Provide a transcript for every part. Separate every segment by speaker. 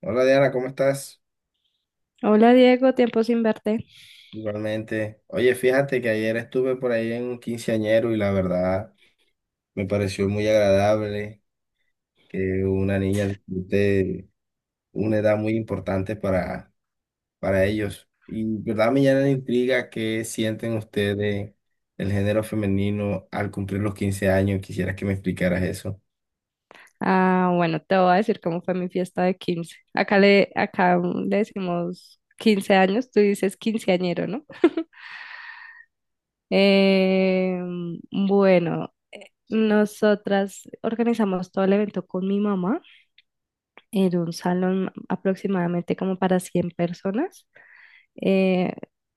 Speaker 1: Hola Diana, ¿cómo estás?
Speaker 2: Hola Diego, tiempo sin verte.
Speaker 1: Igualmente. Oye, fíjate que ayer estuve por ahí en un quinceañero y la verdad me pareció muy agradable que una niña disfrute una edad muy importante para ellos. Y verdad me llena de intriga qué sienten ustedes el género femenino al cumplir los 15 años. Quisiera que me explicaras eso.
Speaker 2: Bueno, te voy a decir cómo fue mi fiesta de 15. Acá le, acá mm, Le decimos 15 años, tú dices quinceañero, ¿no? Eh, bueno, nosotras organizamos todo el evento con mi mamá en un salón aproximadamente como para 100 personas. Eh,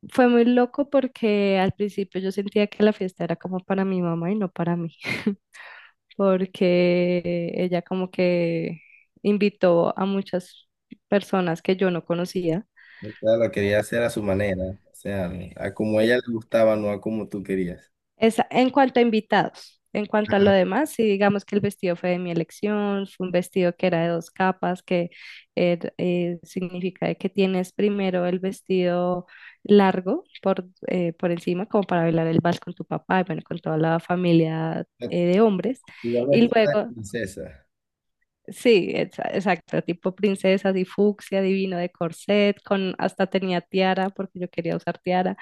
Speaker 2: Fue muy loco porque al principio yo sentía que la fiesta era como para mi mamá y no para mí, porque ella como que invitó a muchas personas que yo no conocía.
Speaker 1: O sea, lo quería hacer a su manera, o sea, a como a ella
Speaker 2: Sí.
Speaker 1: le gustaba, no a como tú querías.
Speaker 2: En cuanto a invitados, en cuanto a lo demás, sí, digamos que el vestido fue de mi elección, fue un vestido que era de dos capas, que significa de que tienes primero el vestido largo por por encima, como para bailar el vals con tu papá y bueno, con toda la familia de hombres,
Speaker 1: Igual no es
Speaker 2: y luego...
Speaker 1: que princesa.
Speaker 2: Sí, exacto, tipo princesa, así fucsia, divino de corset, con hasta tenía tiara porque yo quería usar tiara.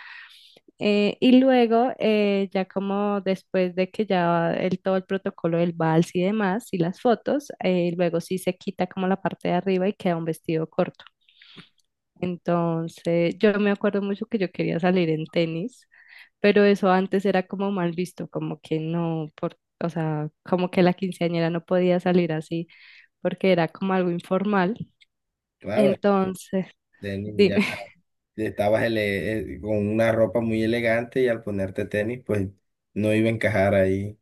Speaker 2: Y luego, ya como después de que todo el protocolo del vals y demás, y las fotos, luego sí se quita como la parte de arriba y queda un vestido corto. Entonces, yo me acuerdo mucho que yo quería salir en tenis, pero eso antes era como mal visto, como que no, por, o sea, como que la quinceañera no podía salir así porque era como algo informal,
Speaker 1: Claro,
Speaker 2: entonces...
Speaker 1: tenis ya.
Speaker 2: Dime.
Speaker 1: Estabas con una ropa muy elegante y al ponerte tenis, pues no iba a encajar ahí.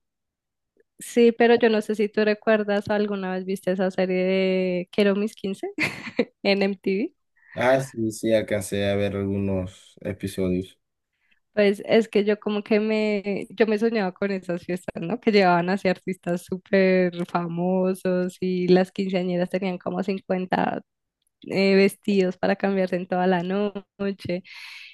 Speaker 2: Sí, pero yo no sé si tú recuerdas, alguna vez viste esa serie de Quiero mis 15 en MTV.
Speaker 1: Ah, sí, sí, alcancé a ver algunos episodios.
Speaker 2: Pues es que yo me soñaba con esas fiestas, ¿no? Que llevaban así artistas súper famosos y las quinceañeras tenían como 50, vestidos para cambiarse en toda la noche.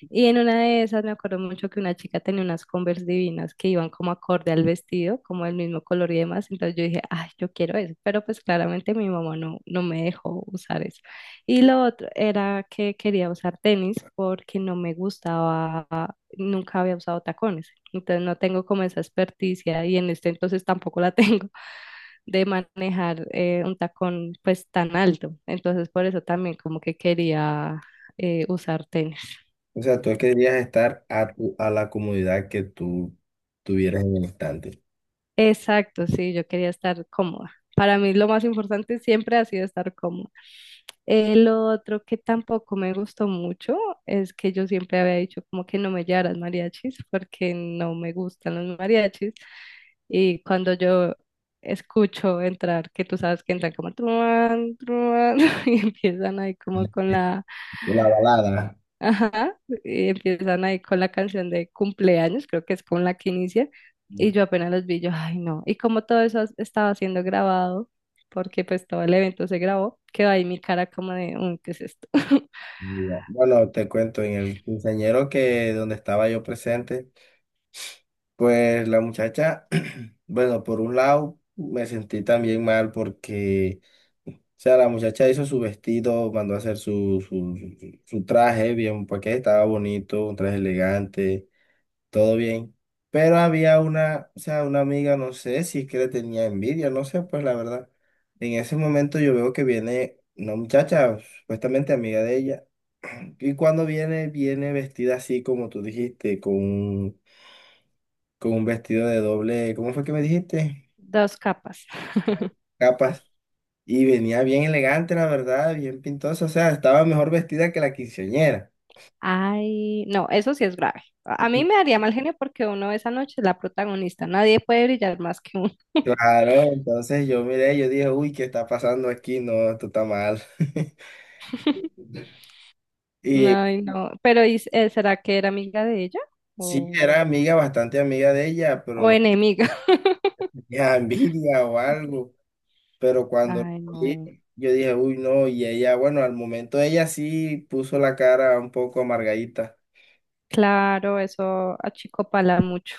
Speaker 2: Y en una de esas me acuerdo mucho que una chica tenía unas Converse divinas que iban como acorde al vestido, como el mismo color y demás. Entonces yo dije, ay, yo quiero eso. Pero pues claramente mi mamá no me dejó usar eso. Y lo otro era que quería usar tenis porque no me gustaba, nunca había usado tacones. Entonces no tengo como esa experticia y en este entonces tampoco la tengo de manejar un tacón pues tan alto. Entonces por eso también como que quería usar tenis.
Speaker 1: O sea, tú querías estar a la comodidad que tú tuvieras en el instante.
Speaker 2: Exacto, sí, yo quería estar cómoda. Para mí lo más importante siempre ha sido estar cómoda. El otro que tampoco me gustó mucho es que yo siempre había dicho como que no me llevaras mariachis porque no me gustan los mariachis. Y cuando yo escucho entrar, que tú sabes que entran como truán, truán, y empiezan ahí como con la...
Speaker 1: La balada.
Speaker 2: Ajá, y empiezan ahí con la canción de cumpleaños, creo que es con la que inicia, y yo apenas los vi, yo, ay no, y como todo eso estaba siendo grabado, porque pues todo el evento se grabó, quedó ahí mi cara como de, "Uy, ¿qué es esto?"
Speaker 1: Ya. Bueno, te cuento, en el quinceañero que donde estaba yo presente, pues la muchacha, bueno, por un lado me sentí también mal porque sea, la muchacha hizo su vestido, mandó a hacer su traje bien, porque estaba bonito, un traje elegante, todo bien. Pero había una, o sea, una amiga, no sé si es que le tenía envidia, no sé, pues la verdad. En ese momento yo veo que viene una muchacha, supuestamente amiga de ella, y cuando viene, viene vestida así como tú dijiste, con un vestido de doble, ¿cómo fue que me dijiste?
Speaker 2: Dos capas.
Speaker 1: Capas. Y venía bien elegante, la verdad, bien pintosa, o sea, estaba mejor vestida que la quinceañera.
Speaker 2: Ay, no, eso sí es grave. A mí me daría mal genio porque uno esa noche es la protagonista, nadie puede brillar más que uno.
Speaker 1: Claro, entonces yo miré, yo dije, uy, ¿qué está pasando aquí? No, esto está mal. Y
Speaker 2: Ay, no, pero ¿y será que era amiga de ella
Speaker 1: sí,
Speaker 2: o,
Speaker 1: era amiga, bastante amiga de ella, pero
Speaker 2: o
Speaker 1: no
Speaker 2: enemiga?
Speaker 1: tenía envidia o algo. Pero cuando lo
Speaker 2: Ay,
Speaker 1: vi,
Speaker 2: no.
Speaker 1: yo dije, uy, no, y ella, bueno, al momento ella sí puso la cara un poco amargadita.
Speaker 2: Claro, eso achicopala mucho.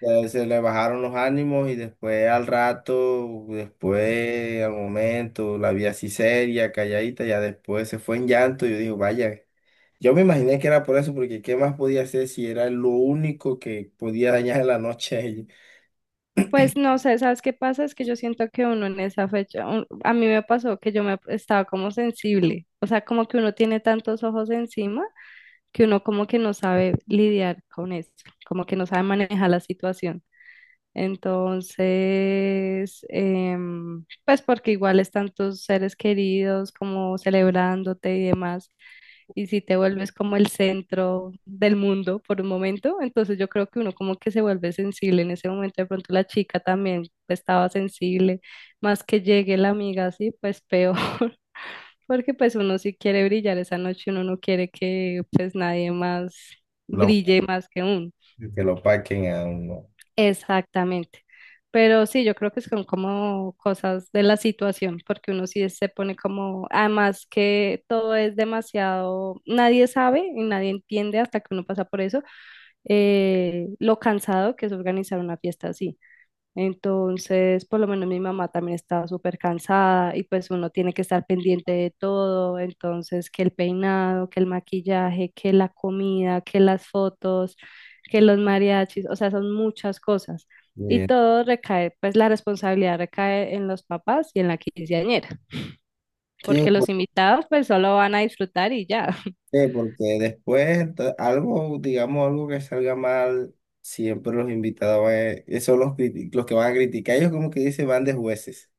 Speaker 1: Ya se le bajaron los ánimos y después al rato, después al momento, la vi así seria, calladita, ya después se fue en llanto. Yo digo, vaya, yo me imaginé que era por eso, porque ¿qué más podía hacer si era lo único que podía dañar la noche a ella?
Speaker 2: Pues no sé, ¿sabes qué pasa? Es que yo siento que uno en esa fecha, a mí me pasó que yo me estaba como sensible, o sea, como que uno tiene tantos ojos encima, que uno como que no sabe lidiar con eso, como que no sabe manejar la situación. Entonces, pues porque igual están tus seres queridos como celebrándote y demás, y si te vuelves como el centro del mundo por un momento, entonces yo creo que uno como que se vuelve sensible en ese momento, de pronto la chica también estaba sensible, más que llegue la amiga así, pues peor. Porque pues uno sí quiere brillar esa noche, uno no quiere que pues nadie más
Speaker 1: Lo-
Speaker 2: brille más que uno.
Speaker 1: que lo paquen a uno.
Speaker 2: Exactamente. Pero sí, yo creo que son como cosas de la situación, porque uno sí se pone como, además que todo es demasiado, nadie sabe y nadie entiende hasta que uno pasa por eso, lo cansado que es organizar una fiesta así. Entonces, por lo menos mi mamá también estaba súper cansada y pues uno tiene que estar pendiente de todo. Entonces, que el peinado, que el maquillaje, que la comida, que las fotos, que los mariachis, o sea, son muchas cosas. Y
Speaker 1: Bien.
Speaker 2: todo recae, pues la responsabilidad recae en los papás y en la quinceañera,
Speaker 1: Sí,
Speaker 2: porque los
Speaker 1: ¿por
Speaker 2: invitados pues solo van a disfrutar y ya.
Speaker 1: qué? Porque después algo, digamos, algo que salga mal, siempre los invitados son los que van a criticar. Ellos como que dicen van de jueces.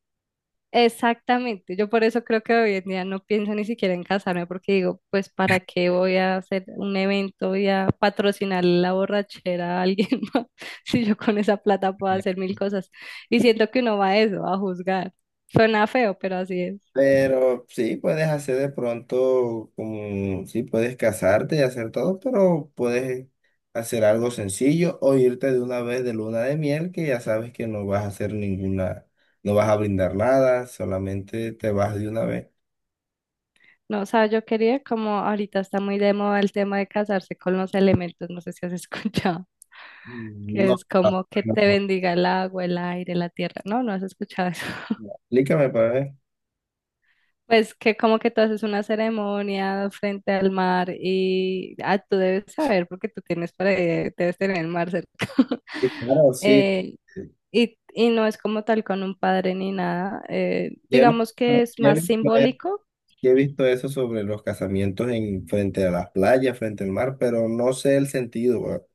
Speaker 2: Exactamente, yo por eso creo que hoy en día no pienso ni siquiera en casarme porque digo, pues para qué voy a hacer un evento y a patrocinar la borrachera a alguien más si yo con esa plata puedo hacer mil cosas. Y siento que uno va a eso, a juzgar. Suena feo, pero así es.
Speaker 1: Pero sí, puedes hacer de pronto como, sí, puedes casarte y hacer todo, pero puedes hacer algo sencillo o irte de una vez de luna de miel que ya sabes que no vas a hacer ninguna, no vas a brindar nada, solamente te vas de una vez.
Speaker 2: No, o sea, yo quería como ahorita está muy de moda el tema de casarse con los elementos, no sé si has escuchado,
Speaker 1: Mm,
Speaker 2: que
Speaker 1: no,
Speaker 2: es
Speaker 1: ah,
Speaker 2: como que
Speaker 1: no,
Speaker 2: te
Speaker 1: no,
Speaker 2: bendiga el agua, el aire, la tierra. No, no has escuchado eso.
Speaker 1: no. Explícame para ver.
Speaker 2: Pues que como que tú haces una ceremonia frente al mar y ah, tú debes saber porque tú tienes para debes tener el mar cerca.
Speaker 1: Sí, claro, sí.
Speaker 2: Eh, y, y no es como tal con un padre ni nada,
Speaker 1: Ya no-
Speaker 2: digamos que es
Speaker 1: ya he
Speaker 2: más
Speaker 1: visto, e-
Speaker 2: simbólico.
Speaker 1: ya he visto eso sobre los casamientos en, frente a las playas, frente al mar, pero no sé el sentido.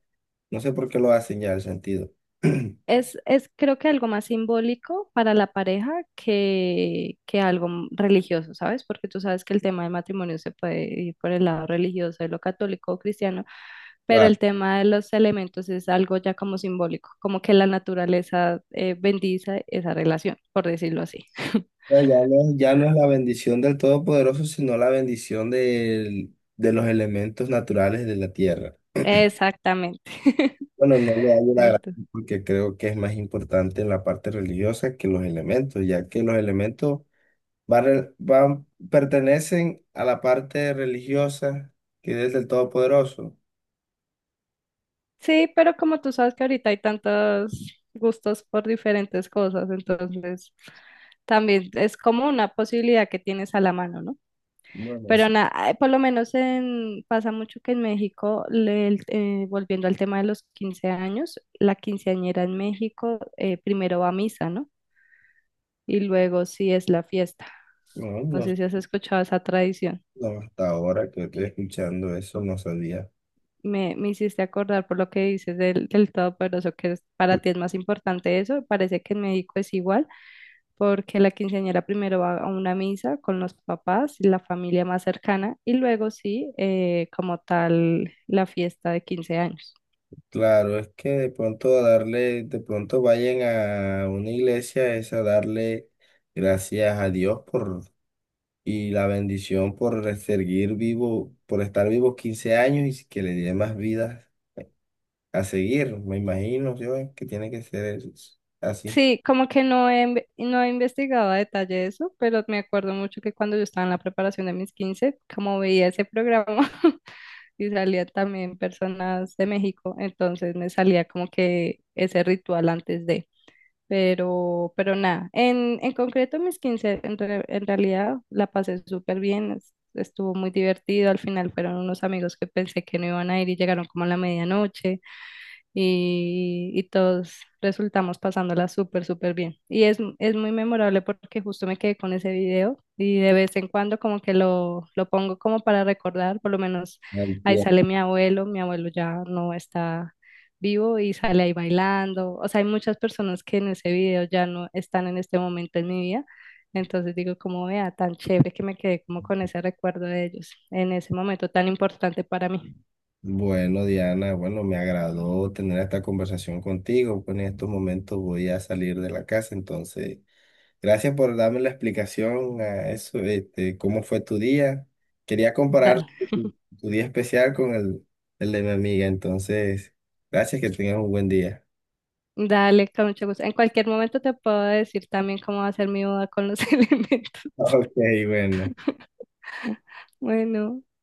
Speaker 1: No sé por qué lo hacen ya el sentido.
Speaker 2: Es creo que algo más simbólico para la pareja que algo religioso, ¿sabes? Porque tú sabes que el tema del matrimonio se puede ir por el lado religioso de lo católico o cristiano, pero
Speaker 1: Claro.
Speaker 2: el tema de los elementos es algo ya como simbólico, como que la naturaleza bendice esa relación, por decirlo así.
Speaker 1: O sea, ya no, ya no es la bendición del Todopoderoso, sino la bendición de los elementos naturales de la tierra.
Speaker 2: Exactamente.
Speaker 1: Bueno, no le hago la gracia
Speaker 2: Entonces...
Speaker 1: porque creo que es más importante en la parte religiosa que los elementos, ya que los elementos pertenecen a la parte religiosa que es del Todopoderoso.
Speaker 2: Sí, pero como tú sabes que ahorita hay tantos gustos por diferentes cosas, entonces también es como una posibilidad que tienes a la mano, ¿no?
Speaker 1: Bueno,
Speaker 2: Pero nada, por lo menos en, pasa mucho que en México, volviendo al tema de los 15 años, la quinceañera en México primero va a misa, ¿no? Y luego sí es la fiesta.
Speaker 1: no,
Speaker 2: No
Speaker 1: no,
Speaker 2: sé si has escuchado esa tradición.
Speaker 1: no, hasta ahora que estoy escuchando eso no sabía.
Speaker 2: Me hiciste acordar por lo que dices del, del todopoderoso, que para ti es más importante eso. Parece que en México es igual, porque la quinceañera primero va a una misa con los papás y la familia más cercana, y luego sí, como tal, la fiesta de 15 años.
Speaker 1: Claro, es que de pronto a darle, de pronto vayan a una iglesia es a darle gracias a Dios por y la bendición por seguir vivo, por estar vivos 15 años y que le dé más vidas a seguir. Me imagino yo que tiene que ser así.
Speaker 2: Sí, como que no he investigado a detalle eso, pero me acuerdo mucho que cuando yo estaba en la preparación de mis 15 como veía ese programa, y salía también personas de México, entonces me salía como que ese ritual antes de, pero nada, en concreto mis 15 en realidad la pasé súper bien, estuvo muy divertido, al final fueron unos amigos que pensé que no iban a ir y llegaron como a la medianoche, y todos resultamos pasándola súper, súper bien. Y es muy memorable porque justo me quedé con ese video y de vez en cuando como que lo pongo como para recordar, por lo menos
Speaker 1: Al
Speaker 2: ahí
Speaker 1: pie.
Speaker 2: sale mi abuelo ya no está vivo y sale ahí bailando. O sea, hay muchas personas que en ese video ya no están en este momento en mi vida. Entonces digo, como vea, tan chévere que me quedé como con ese recuerdo de ellos en ese momento tan importante para mí.
Speaker 1: Bueno, Diana, bueno, me agradó tener esta conversación contigo. Pues, en estos momentos voy a salir de la casa, entonces. Gracias por darme la explicación a eso, este, cómo fue tu día. Quería comparar
Speaker 2: Dale.
Speaker 1: tu día especial con el de mi amiga, entonces, gracias, que tengas un buen día.
Speaker 2: Dale, con mucho gusto. En cualquier momento te puedo decir también cómo va a ser mi boda con los elementos.
Speaker 1: Ok, bueno.
Speaker 2: Bueno.